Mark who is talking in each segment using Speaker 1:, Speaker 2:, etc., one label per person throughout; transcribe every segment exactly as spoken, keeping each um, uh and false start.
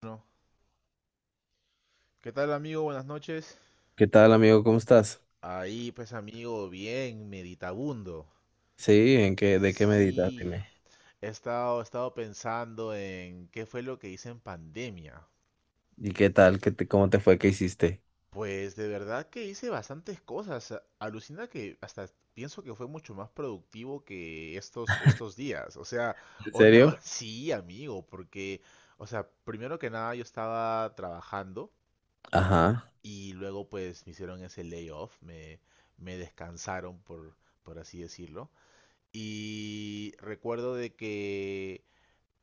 Speaker 1: Bueno, ¿qué tal amigo? Buenas noches.
Speaker 2: ¿Qué tal, amigo? ¿Cómo estás?
Speaker 1: Ahí pues amigo, bien, meditabundo.
Speaker 2: Sí, ¿en qué, de qué meditas?
Speaker 1: Sí,
Speaker 2: Dime.
Speaker 1: he estado, he estado pensando en qué fue lo que hice en pandemia.
Speaker 2: ¿Y qué tal? ¿Qué te- cómo te fue? ¿Qué hiciste?
Speaker 1: Pues de verdad que hice bastantes cosas. a- Alucina que hasta pienso que fue mucho más productivo que estos, estos días. O sea,
Speaker 2: ¿En
Speaker 1: o no-
Speaker 2: serio?
Speaker 1: sí, amigo, porque, o sea, primero que nada yo estaba trabajando.
Speaker 2: Ajá.
Speaker 1: Y luego pues me hicieron ese layoff, me, me descansaron por, por así decirlo. Y recuerdo de que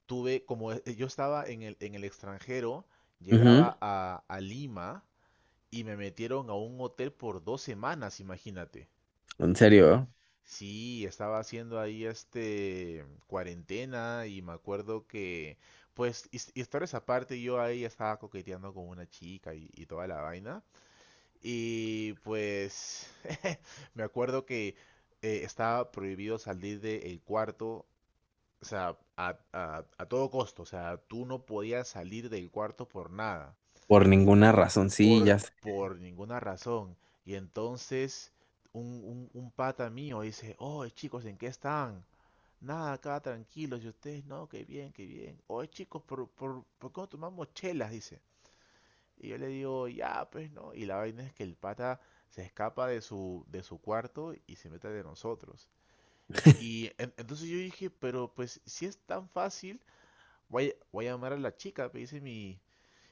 Speaker 1: tuve, como eh, yo estaba en el, en el extranjero,
Speaker 2: Ujú.
Speaker 1: llegaba a, a Lima y me metieron a un hotel por dos semanas, imagínate.
Speaker 2: ¿En serio?
Speaker 1: Sí, estaba haciendo ahí este cuarentena y me acuerdo que, pues, his- historias aparte, yo ahí estaba coqueteando con una chica y, y toda la vaina. Y pues me acuerdo que eh, estaba prohibido salir del cuarto, o sea, a, a- a todo costo, o sea, tú no podías salir del cuarto por nada,
Speaker 2: Por ninguna razón, sí,
Speaker 1: por,
Speaker 2: ya sé.
Speaker 1: por ninguna razón. Y entonces un, un, un pata mío dice, oh, chicos, ¿en qué están? Nada, acá tranquilos, y ustedes, no, qué bien, qué bien. Oye, chicos, ¿por, por, por qué no tomamos chelas? Dice. Y yo le digo, ya, pues, ¿no? Y la vaina es que el pata se escapa de su, de su cuarto y se mete de nosotros. Y en- entonces yo dije, pero pues si es tan fácil, voy, a- voy a llamar a la chica, me dice mi,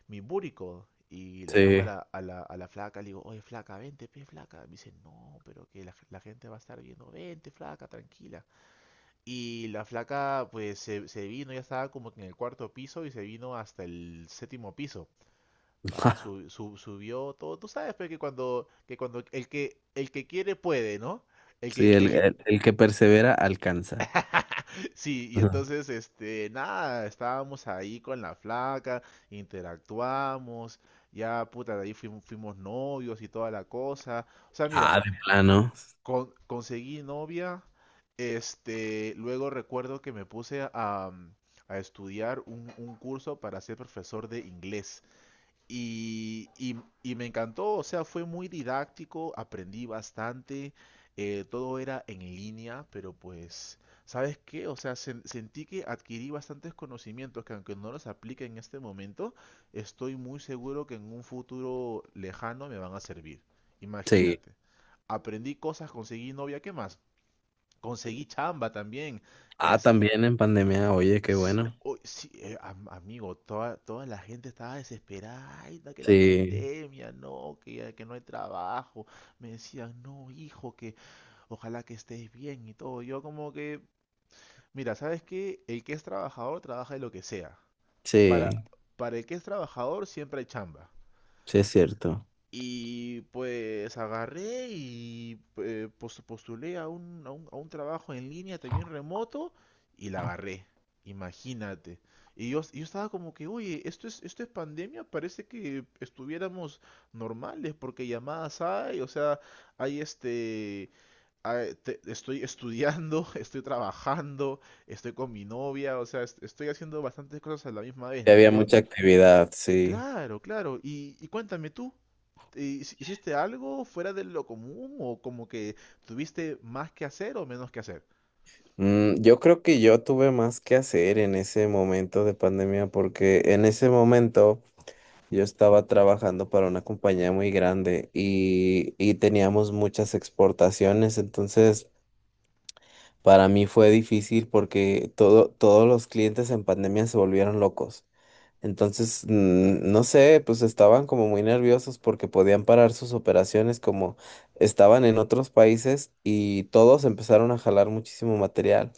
Speaker 1: mi búrico. Y le llamo a
Speaker 2: Sí.
Speaker 1: la, a la, a la flaca, le digo, oye flaca, vente, pe flaca. Me dice, no, pero que la, g- la gente va a estar viendo, vente flaca, tranquila. Y la flaca pues se, se vino, ya estaba como que en el cuarto piso y se vino hasta el séptimo piso. Pa, sub- sub- subió todo. Tú sabes pe, que cuando, que cuando el que, el que quiere puede, ¿no? El
Speaker 2: Sí,
Speaker 1: que,
Speaker 2: el,
Speaker 1: el que,
Speaker 2: el- el que persevera alcanza.
Speaker 1: sí, y
Speaker 2: Ujú.
Speaker 1: entonces, este, nada, estábamos ahí con la flaca, interactuamos, ya, puta, de ahí fuimos, fuimos novios y toda la cosa. O sea, mira,
Speaker 2: Ah, de plano.
Speaker 1: con- conseguí novia, este, luego recuerdo que me puse a, a estudiar un, un curso para ser profesor de inglés. Y, y- y me encantó, o sea, fue muy didáctico, aprendí bastante, eh, todo era en línea, pero pues, ¿sabes qué? O sea, sen- sentí que adquirí bastantes conocimientos que aunque no los aplique en este momento, estoy muy seguro que en un futuro lejano me van a servir.
Speaker 2: Sí.
Speaker 1: Imagínate, aprendí cosas, conseguí novia, ¿qué más? Conseguí chamba también.
Speaker 2: Ah, también en pandemia, oye, qué
Speaker 1: S-
Speaker 2: bueno.
Speaker 1: uy, sí, eh, am- amigo, toda, toda la gente estaba desesperada, ay, da que la
Speaker 2: Sí,
Speaker 1: pandemia, no, que, ya- que no hay trabajo. Me decían, no, hijo, que ojalá que estés bien y todo. Yo como que, mira, ¿sabes qué? El que es trabajador trabaja de lo que sea.
Speaker 2: sí,
Speaker 1: Para, para el que es trabajador siempre hay chamba.
Speaker 2: sí es cierto.
Speaker 1: Y pues agarré y eh, pos- postulé a un, a un, a un trabajo en línea también remoto y la agarré. Imagínate. Y yo, yo estaba como que, oye, esto es, esto es pandemia, parece que estuviéramos normales porque llamadas hay, o sea, hay este, hay- te- estoy estudiando, estoy trabajando, estoy con mi novia, o sea, est- estoy haciendo bastantes cosas a la misma vez,
Speaker 2: Sí,
Speaker 1: ¿no?
Speaker 2: había
Speaker 1: Yo,
Speaker 2: mucha actividad, sí.
Speaker 1: claro, claro, y, y cuéntame tú. ¿Hici- ¿Hiciste algo fuera de lo común o como que tuviste más que hacer o menos que hacer?
Speaker 2: Mm, yo creo que yo tuve más que hacer en ese momento de pandemia porque en ese momento yo estaba trabajando para una compañía muy grande y, y teníamos muchas exportaciones. Entonces, para mí fue difícil porque todo, todos los clientes en pandemia se volvieron locos. Entonces, mm, no sé, pues estaban como muy nerviosos porque podían parar sus operaciones como estaban en otros países y todos empezaron a jalar muchísimo material.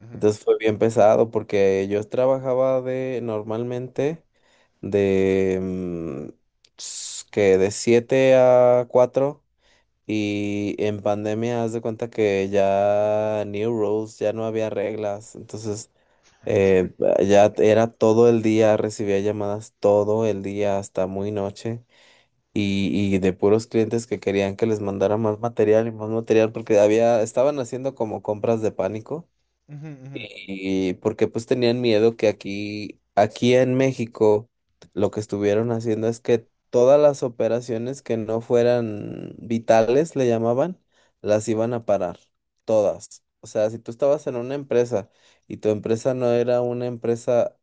Speaker 1: Ujú.
Speaker 2: Entonces fue bien pesado porque yo trabajaba de normalmente de mm, s- que de siete a cuatro, y en pandemia haz de cuenta que ya new rules, ya no había reglas. Entonces, eh, ba- ya t- era todo el día, recibía llamadas todo el día hasta muy noche, y, y de puros clientes que querían que les mandara más material y más material porque había estaban haciendo como compras de pánico. Y porque pues tenían miedo que aquí, aquí en México lo que estuvieron haciendo es que todas las operaciones que no fueran vitales, le llamaban, las iban a parar, todas. O sea, si tú estabas en una empresa y tu empresa no era una empresa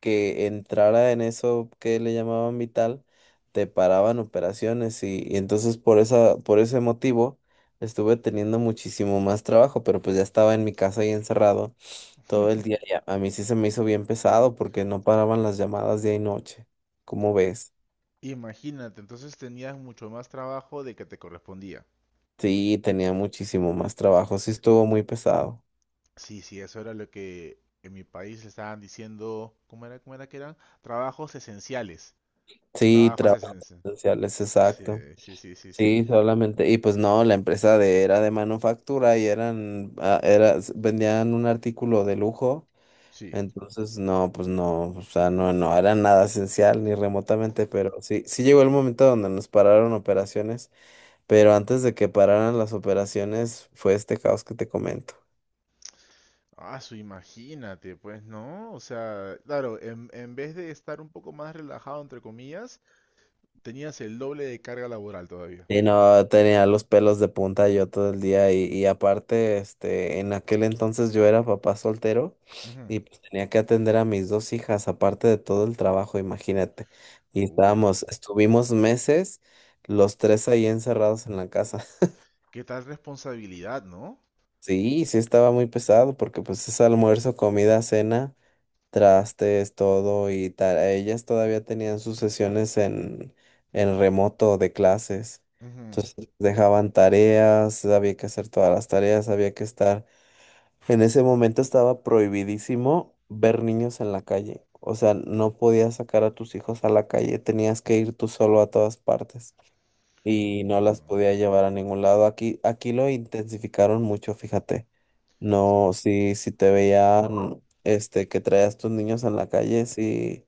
Speaker 2: que entrara en eso que le llamaban vital, te paraban operaciones, y, y entonces por esa, por ese motivo estuve teniendo muchísimo más trabajo, pero pues ya estaba en mi casa y encerrado todo el día ya. A mí sí se me hizo bien pesado porque no paraban las llamadas día y noche. ¿Cómo ves?
Speaker 1: Imagínate, entonces tenías mucho más trabajo de que te correspondía.
Speaker 2: Sí, tenía muchísimo más trabajo. Sí, estuvo muy pesado.
Speaker 1: Sí, sí, eso era lo que en mi país le estaban diciendo, ¿cómo era, cómo era que eran? Trabajos esenciales.
Speaker 2: Sí,
Speaker 1: Trabajos
Speaker 2: trabajos
Speaker 1: esenciales.
Speaker 2: esenciales,
Speaker 1: Sí,
Speaker 2: exacto.
Speaker 1: sí, sí, sí, sí.
Speaker 2: Sí, solamente. Y pues no, la empresa de, era de manufactura y eran, ah, era, s- vendían un artículo de lujo.
Speaker 1: Sí.
Speaker 2: Entonces, no, pues no, o sea, no, no era nada esencial ni remotamente, pero sí, sí llegó el momento donde nos pararon operaciones. Pero antes de que pararan las operaciones, fue este caos que te comento.
Speaker 1: Ah, su, imagínate, pues, ¿no? O sea, claro, en, en vez de estar un poco más relajado, entre comillas, tenías el doble de carga laboral todavía.
Speaker 2: Y no, tenía los pelos de punta yo todo el día, y, y aparte, este, en aquel entonces yo era papá soltero
Speaker 1: Ujú.
Speaker 2: y pues tenía que atender a mis dos hijas, aparte de todo el trabajo, imagínate. Y
Speaker 1: Uy.
Speaker 2: estábamos, estuvimos meses los tres ahí encerrados en la casa.
Speaker 1: ¿Qué tal responsabilidad, no?
Speaker 2: Sí, sí estaba muy pesado porque pues es almuerzo, comida, cena, trastes, todo y tal. Ellas todavía tenían sus sesiones en, en remoto de clases.
Speaker 1: Ujú.
Speaker 2: Entonces dejaban tareas, había que hacer todas las tareas, había que estar. En ese momento estaba prohibidísimo ver niños en la calle. O sea, no podías sacar a tus hijos a la calle, tenías que ir tú solo a todas partes y no las
Speaker 1: Wow.
Speaker 2: podía llevar a ningún lado. Aquí, aquí lo intensificaron mucho, fíjate. No, si si te veían, este, que traías tus niños en la calle, sí,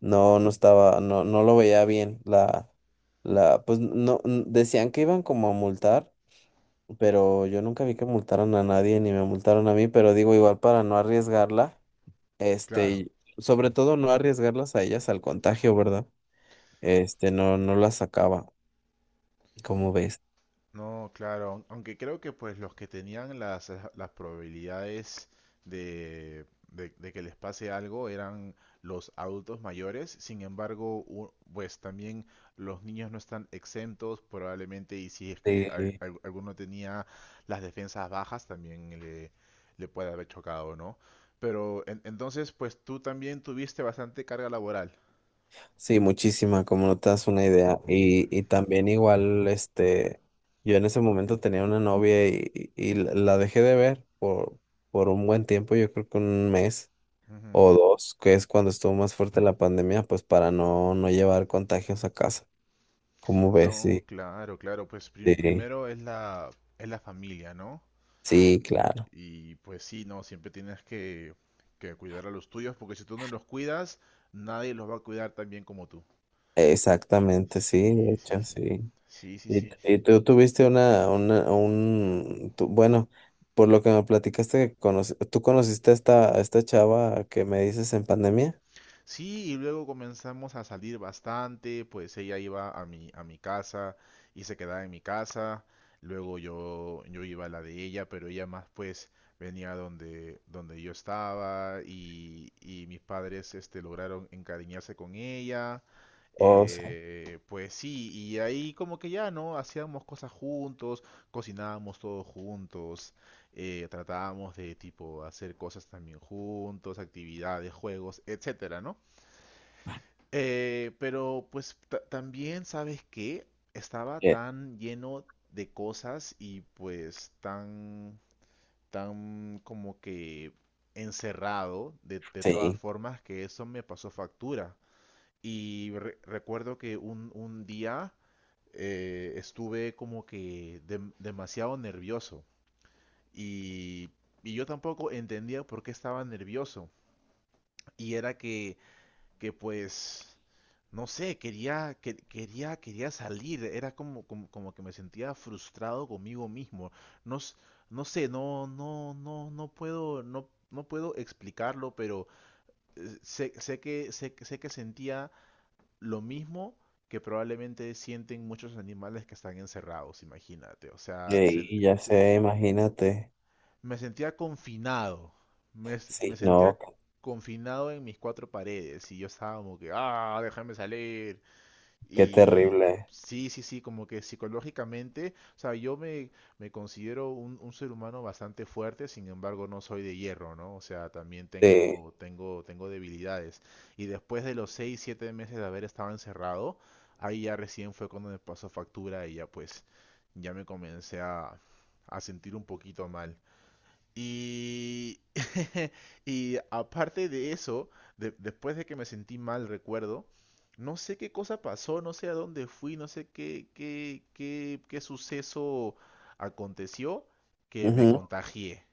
Speaker 2: no, no estaba, no, no lo veía bien. La, la, pues no, n- decían que iban como a multar, pero yo nunca vi que multaran a nadie ni me multaron a mí, pero digo, igual para no arriesgarla, este,
Speaker 1: Claro.
Speaker 2: y sobre todo no arriesgarlas a ellas al contagio, ¿verdad? Este, no, no las sacaba, como ves.
Speaker 1: No, claro. aun- Aunque creo que pues los que tenían las, eh, las probabilidades de, de, de que les pase algo eran los adultos mayores. Sin embargo, u- pues también los niños no están exentos probablemente y si es que al-
Speaker 2: Sí.
Speaker 1: al- alguno tenía las defensas bajas también le, le puede haber chocado, ¿no? Pero en- entonces pues tú también tuviste bastante carga laboral.
Speaker 2: Sí, muchísima, como no te das una idea. Y, y también igual, este, yo en ese momento tenía una novia y, y- y la la dejé de ver por, por un buen tiempo, yo creo que un mes o dos, que es cuando estuvo más fuerte la pandemia, pues para no, no llevar contagios a casa. ¿Cómo ves?
Speaker 1: No,
Speaker 2: Sí,
Speaker 1: claro, claro, pues prim-
Speaker 2: sí,
Speaker 1: primero es la, es la familia, ¿no?
Speaker 2: sí, claro.
Speaker 1: Y pues sí, no, siempre tienes que, que cuidar a los tuyos, porque si tú no los cuidas, nadie los va a cuidar tan bien como tú.
Speaker 2: Exactamente, sí, de
Speaker 1: Sí, sí,
Speaker 2: hecho,
Speaker 1: sí.
Speaker 2: sí.
Speaker 1: Sí, sí,
Speaker 2: Y,
Speaker 1: sí.
Speaker 2: y tú tuviste una, una, un, tú- bueno, por lo que me platicaste, que conoci- ¿tú conociste a esta, a esta, chava que me dices en pandemia?
Speaker 1: Sí, y luego comenzamos a salir bastante, pues ella iba a mi, a mi casa y se quedaba en mi casa, luego yo, yo iba a la de ella, pero ella más pues venía donde, donde yo estaba y, y mis padres este, lograron encariñarse con ella,
Speaker 2: O sea,
Speaker 1: eh, pues sí, y ahí como que ya, ¿no? Hacíamos cosas juntos, cocinábamos todos juntos, eh, tratábamos de tipo hacer cosas también juntos, actividades, juegos, etcétera, ¿no? Eh, pero pues ta- también, ¿sabes qué? Estaba
Speaker 2: que-
Speaker 1: tan lleno de cosas y pues tan, tan como que encerrado de, de todas
Speaker 2: sí,
Speaker 1: formas que eso me pasó factura. Y re- recuerdo que un, un día eh, estuve como que dem- demasiado nervioso y, y yo tampoco entendía por qué estaba nervioso. Y era que que pues, no sé, quería, que- quería, quería salir, era como, como, como que me sentía frustrado conmigo mismo. No, s- no sé, no, no, no, no puedo, no, no puedo explicarlo, pero eh, sé, sé que, sé, que- sé que sentía lo mismo que probablemente sienten muchos animales que están encerrados, imagínate. O sea, se-
Speaker 2: y ya
Speaker 1: se-
Speaker 2: sé, imagínate.
Speaker 1: me sentía confinado. Me, s- me
Speaker 2: Sí, no,
Speaker 1: sentía confinado en mis cuatro paredes y yo estaba como que, ah, déjame salir,
Speaker 2: qué
Speaker 1: y
Speaker 2: terrible.
Speaker 1: sí, sí, sí, como que psicológicamente, o sea, yo me, me considero un, un ser humano bastante fuerte, sin embargo no soy de hierro, ¿no? O sea, también
Speaker 2: Sí,
Speaker 1: tengo, tengo, tengo debilidades. Y después de los seis siete meses de haber estado encerrado, ahí ya recién fue cuando me pasó factura y ya pues, ya me comencé a, a sentir un poquito mal. Y y aparte de eso, de- después de que me sentí mal, recuerdo, no sé qué cosa pasó, no sé a dónde fui, no sé qué, qué, qué, qué suceso aconteció que me
Speaker 2: ujú.
Speaker 1: contagié.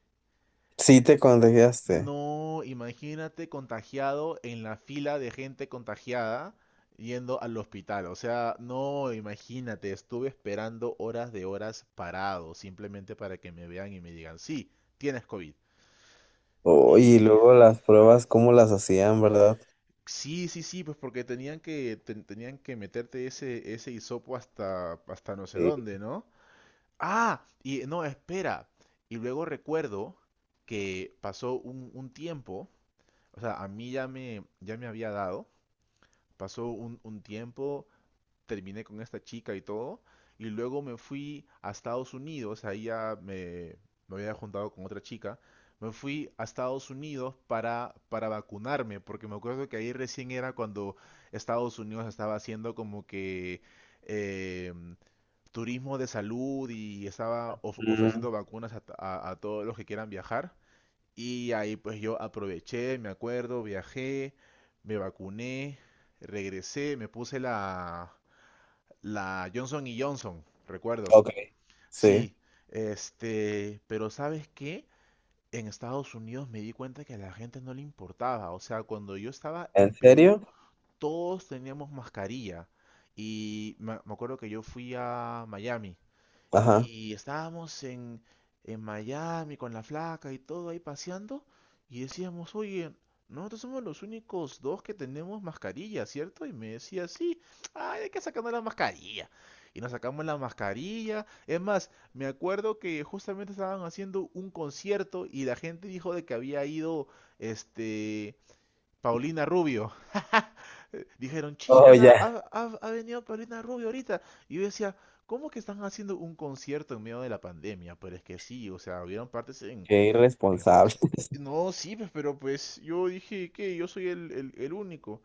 Speaker 2: Sí te contagiaste.
Speaker 1: No, imagínate contagiado en la fila de gente contagiada yendo al hospital. O sea, no, imagínate, estuve esperando horas de horas parado, simplemente para que me vean y me digan, sí, tienes cóvid.
Speaker 2: Oh, y
Speaker 1: Y
Speaker 2: luego las pruebas, ¿cómo las hacían, verdad?
Speaker 1: sí, sí, sí, pues porque tenían que ten- tenían que meterte ese ese hisopo hasta hasta no sé
Speaker 2: Sí.
Speaker 1: dónde, ¿no? Ah, y no, espera. Y luego recuerdo que pasó un, un tiempo, o sea, a mí ya me ya me había dado, pasó un, un tiempo, terminé con esta chica y todo, y luego me fui a Estados Unidos, ahí ya me, me había juntado con otra chica, me fui a Estados Unidos para, para vacunarme, porque me acuerdo que ahí recién era cuando Estados Unidos estaba haciendo como que eh, turismo de salud y estaba of-
Speaker 2: Mm,
Speaker 1: ofreciendo vacunas a, a- a todos los que quieran viajar. Y ahí pues yo aproveché, me acuerdo, viajé, me vacuné, regresé, me puse la, la Johnson y Johnson, recuerdo.
Speaker 2: ok, sí.
Speaker 1: Sí, este, pero ¿sabes qué? En Estados Unidos me di cuenta que a la gente no le importaba. O sea, cuando yo estaba
Speaker 2: ¿En
Speaker 1: en Perú,
Speaker 2: serio?
Speaker 1: todos teníamos mascarilla. Y me me acuerdo que yo fui a Miami
Speaker 2: Ajá.
Speaker 1: y estábamos en, en Miami con la flaca y todo ahí paseando y decíamos, oye, nosotros somos los únicos dos que tenemos mascarilla, ¿cierto? Y me decía, sí, ay, hay que sacarnos la mascarilla. Y nos sacamos la mascarilla. Es más, me acuerdo que justamente estaban haciendo un concierto y la gente dijo de que había ido, este, Paulina Rubio. Eh, dijeron,
Speaker 2: Oh,
Speaker 1: chicos, ha,
Speaker 2: ya.
Speaker 1: ha- ha- ha venido Paulina Rubio ahorita. Y yo decía, ¿cómo que están haciendo un concierto en medio de la pandemia? Pero es que sí, o sea, hubieron partes en,
Speaker 2: Qué
Speaker 1: en
Speaker 2: irresponsable.
Speaker 1: Estados Unidos. No, sí, pues, pero pues yo dije que yo soy el, el- el único.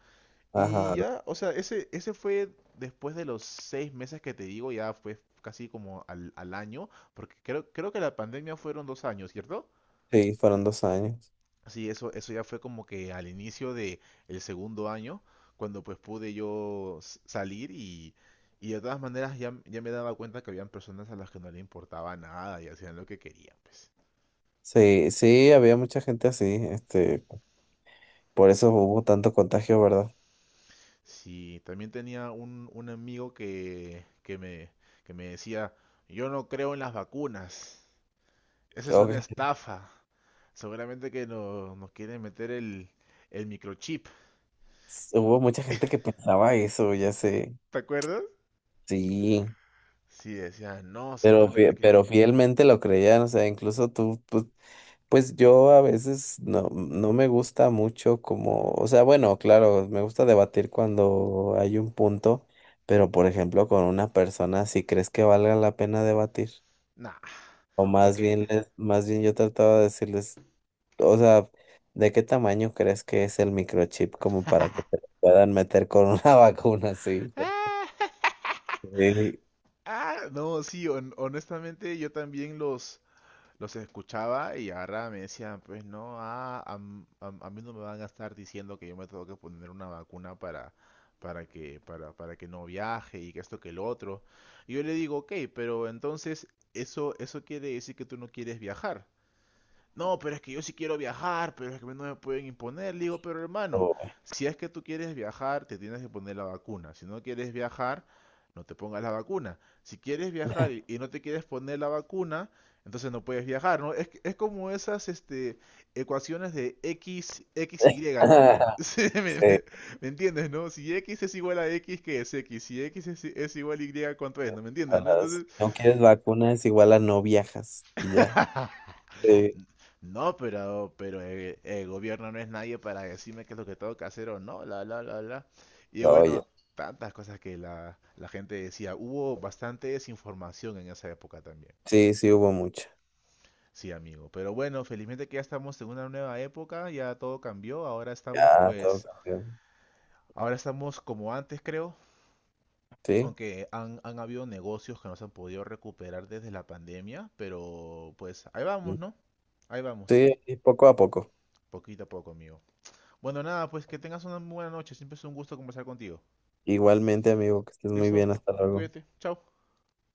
Speaker 1: Y
Speaker 2: Ajá.
Speaker 1: ya, o sea, ese, ese fue después de los seis meses que te digo, ya fue casi como al, al año, porque creo, creo que la pandemia fueron dos años, ¿cierto?
Speaker 2: Sí, fueron dos años.
Speaker 1: Sí, eso, eso ya fue como que al inicio de el segundo año, cuando pues pude yo s- salir y, y de todas maneras ya, m- ya me daba cuenta que habían personas a las que no le importaba nada y hacían lo que querían, pues.
Speaker 2: Sí, sí, había mucha gente así, este, por eso hubo tanto contagio, ¿verdad?
Speaker 1: Sí, también tenía un, un amigo que, que me, que me decía, yo no creo en las vacunas, esa es una
Speaker 2: Ok,
Speaker 1: estafa, seguramente que no, nos quieren meter el, el microchip,
Speaker 2: hubo mucha gente que pensaba eso, ya sé,
Speaker 1: ¿te acuerdas?
Speaker 2: sí,
Speaker 1: Sí, decía, no,
Speaker 2: pero, fie-
Speaker 1: seguramente que...
Speaker 2: pero fielmente lo creían, o sea, incluso tú, pues, pues yo a veces no, no me gusta mucho como, o sea, bueno, claro, me gusta debatir cuando hay un punto, pero por ejemplo con una persona, ¿si crees que valga la pena debatir?
Speaker 1: Nah,
Speaker 2: O más
Speaker 1: porque
Speaker 2: bien, les- más bien yo trataba de decirles. O sea, ¿de qué tamaño crees que es el microchip como para que te lo puedan meter con una vacuna así?
Speaker 1: ah,
Speaker 2: Sí.
Speaker 1: ah, no, sí, hon- honestamente yo también los, los escuchaba y ahora me decían, pues no, ah, a, m- a m- a mí no me van a estar diciendo que yo me tengo que poner una vacuna para, para que, para, para que no viaje y que esto que lo otro. Y yo le digo, ok, pero entonces eso, eso quiere decir que tú no quieres viajar. No, pero es que yo sí quiero viajar, pero es que no me pueden imponer. Le digo, pero hermano,
Speaker 2: o-
Speaker 1: si es que tú quieres viajar, te tienes que poner la vacuna. Si no quieres viajar, no te pongas la vacuna. Si quieres viajar y, y no te quieres poner la vacuna, entonces no puedes viajar, ¿no? Es, que- es como esas este, ecuaciones de X, X, ye, ¿no? Sí, me,
Speaker 2: Sí,
Speaker 1: me- ¿me entiendes, no? Si equis es igual a equis, ¿qué es equis? Si X es, es igual a ye, ¿cuánto es? ¿No me
Speaker 2: o
Speaker 1: entiendes, no?
Speaker 2: sea, si
Speaker 1: Entonces,
Speaker 2: no quieres vacunas, igual a no viajas y ya. Sí.
Speaker 1: no, pero, pero el, el gobierno no es nadie para decirme qué es lo que tengo que hacer o no, la, la, la, la. Y
Speaker 2: Oye,
Speaker 1: bueno, tantas cosas que la, la gente decía. Hubo bastante desinformación en esa época también.
Speaker 2: sí, sí hubo mucho.
Speaker 1: Sí, amigo. Pero bueno, felizmente que ya estamos en una nueva época, ya todo cambió. Ahora estamos
Speaker 2: Ya, todo
Speaker 1: pues,
Speaker 2: cambió.
Speaker 1: ahora estamos como antes, creo.
Speaker 2: Sí,
Speaker 1: Aunque han, han habido negocios que no se han podido recuperar desde la pandemia, pero pues ahí vamos,
Speaker 2: mm,
Speaker 1: ¿no? Ahí vamos,
Speaker 2: sí, y poco a poco.
Speaker 1: poquito a poco, amigo. Bueno, nada, pues que tengas una buena noche. Siempre es un gusto conversar contigo.
Speaker 2: Igualmente, amigo, que estés muy
Speaker 1: ¿Listo?
Speaker 2: bien, hasta luego.
Speaker 1: Cuídate. Chao.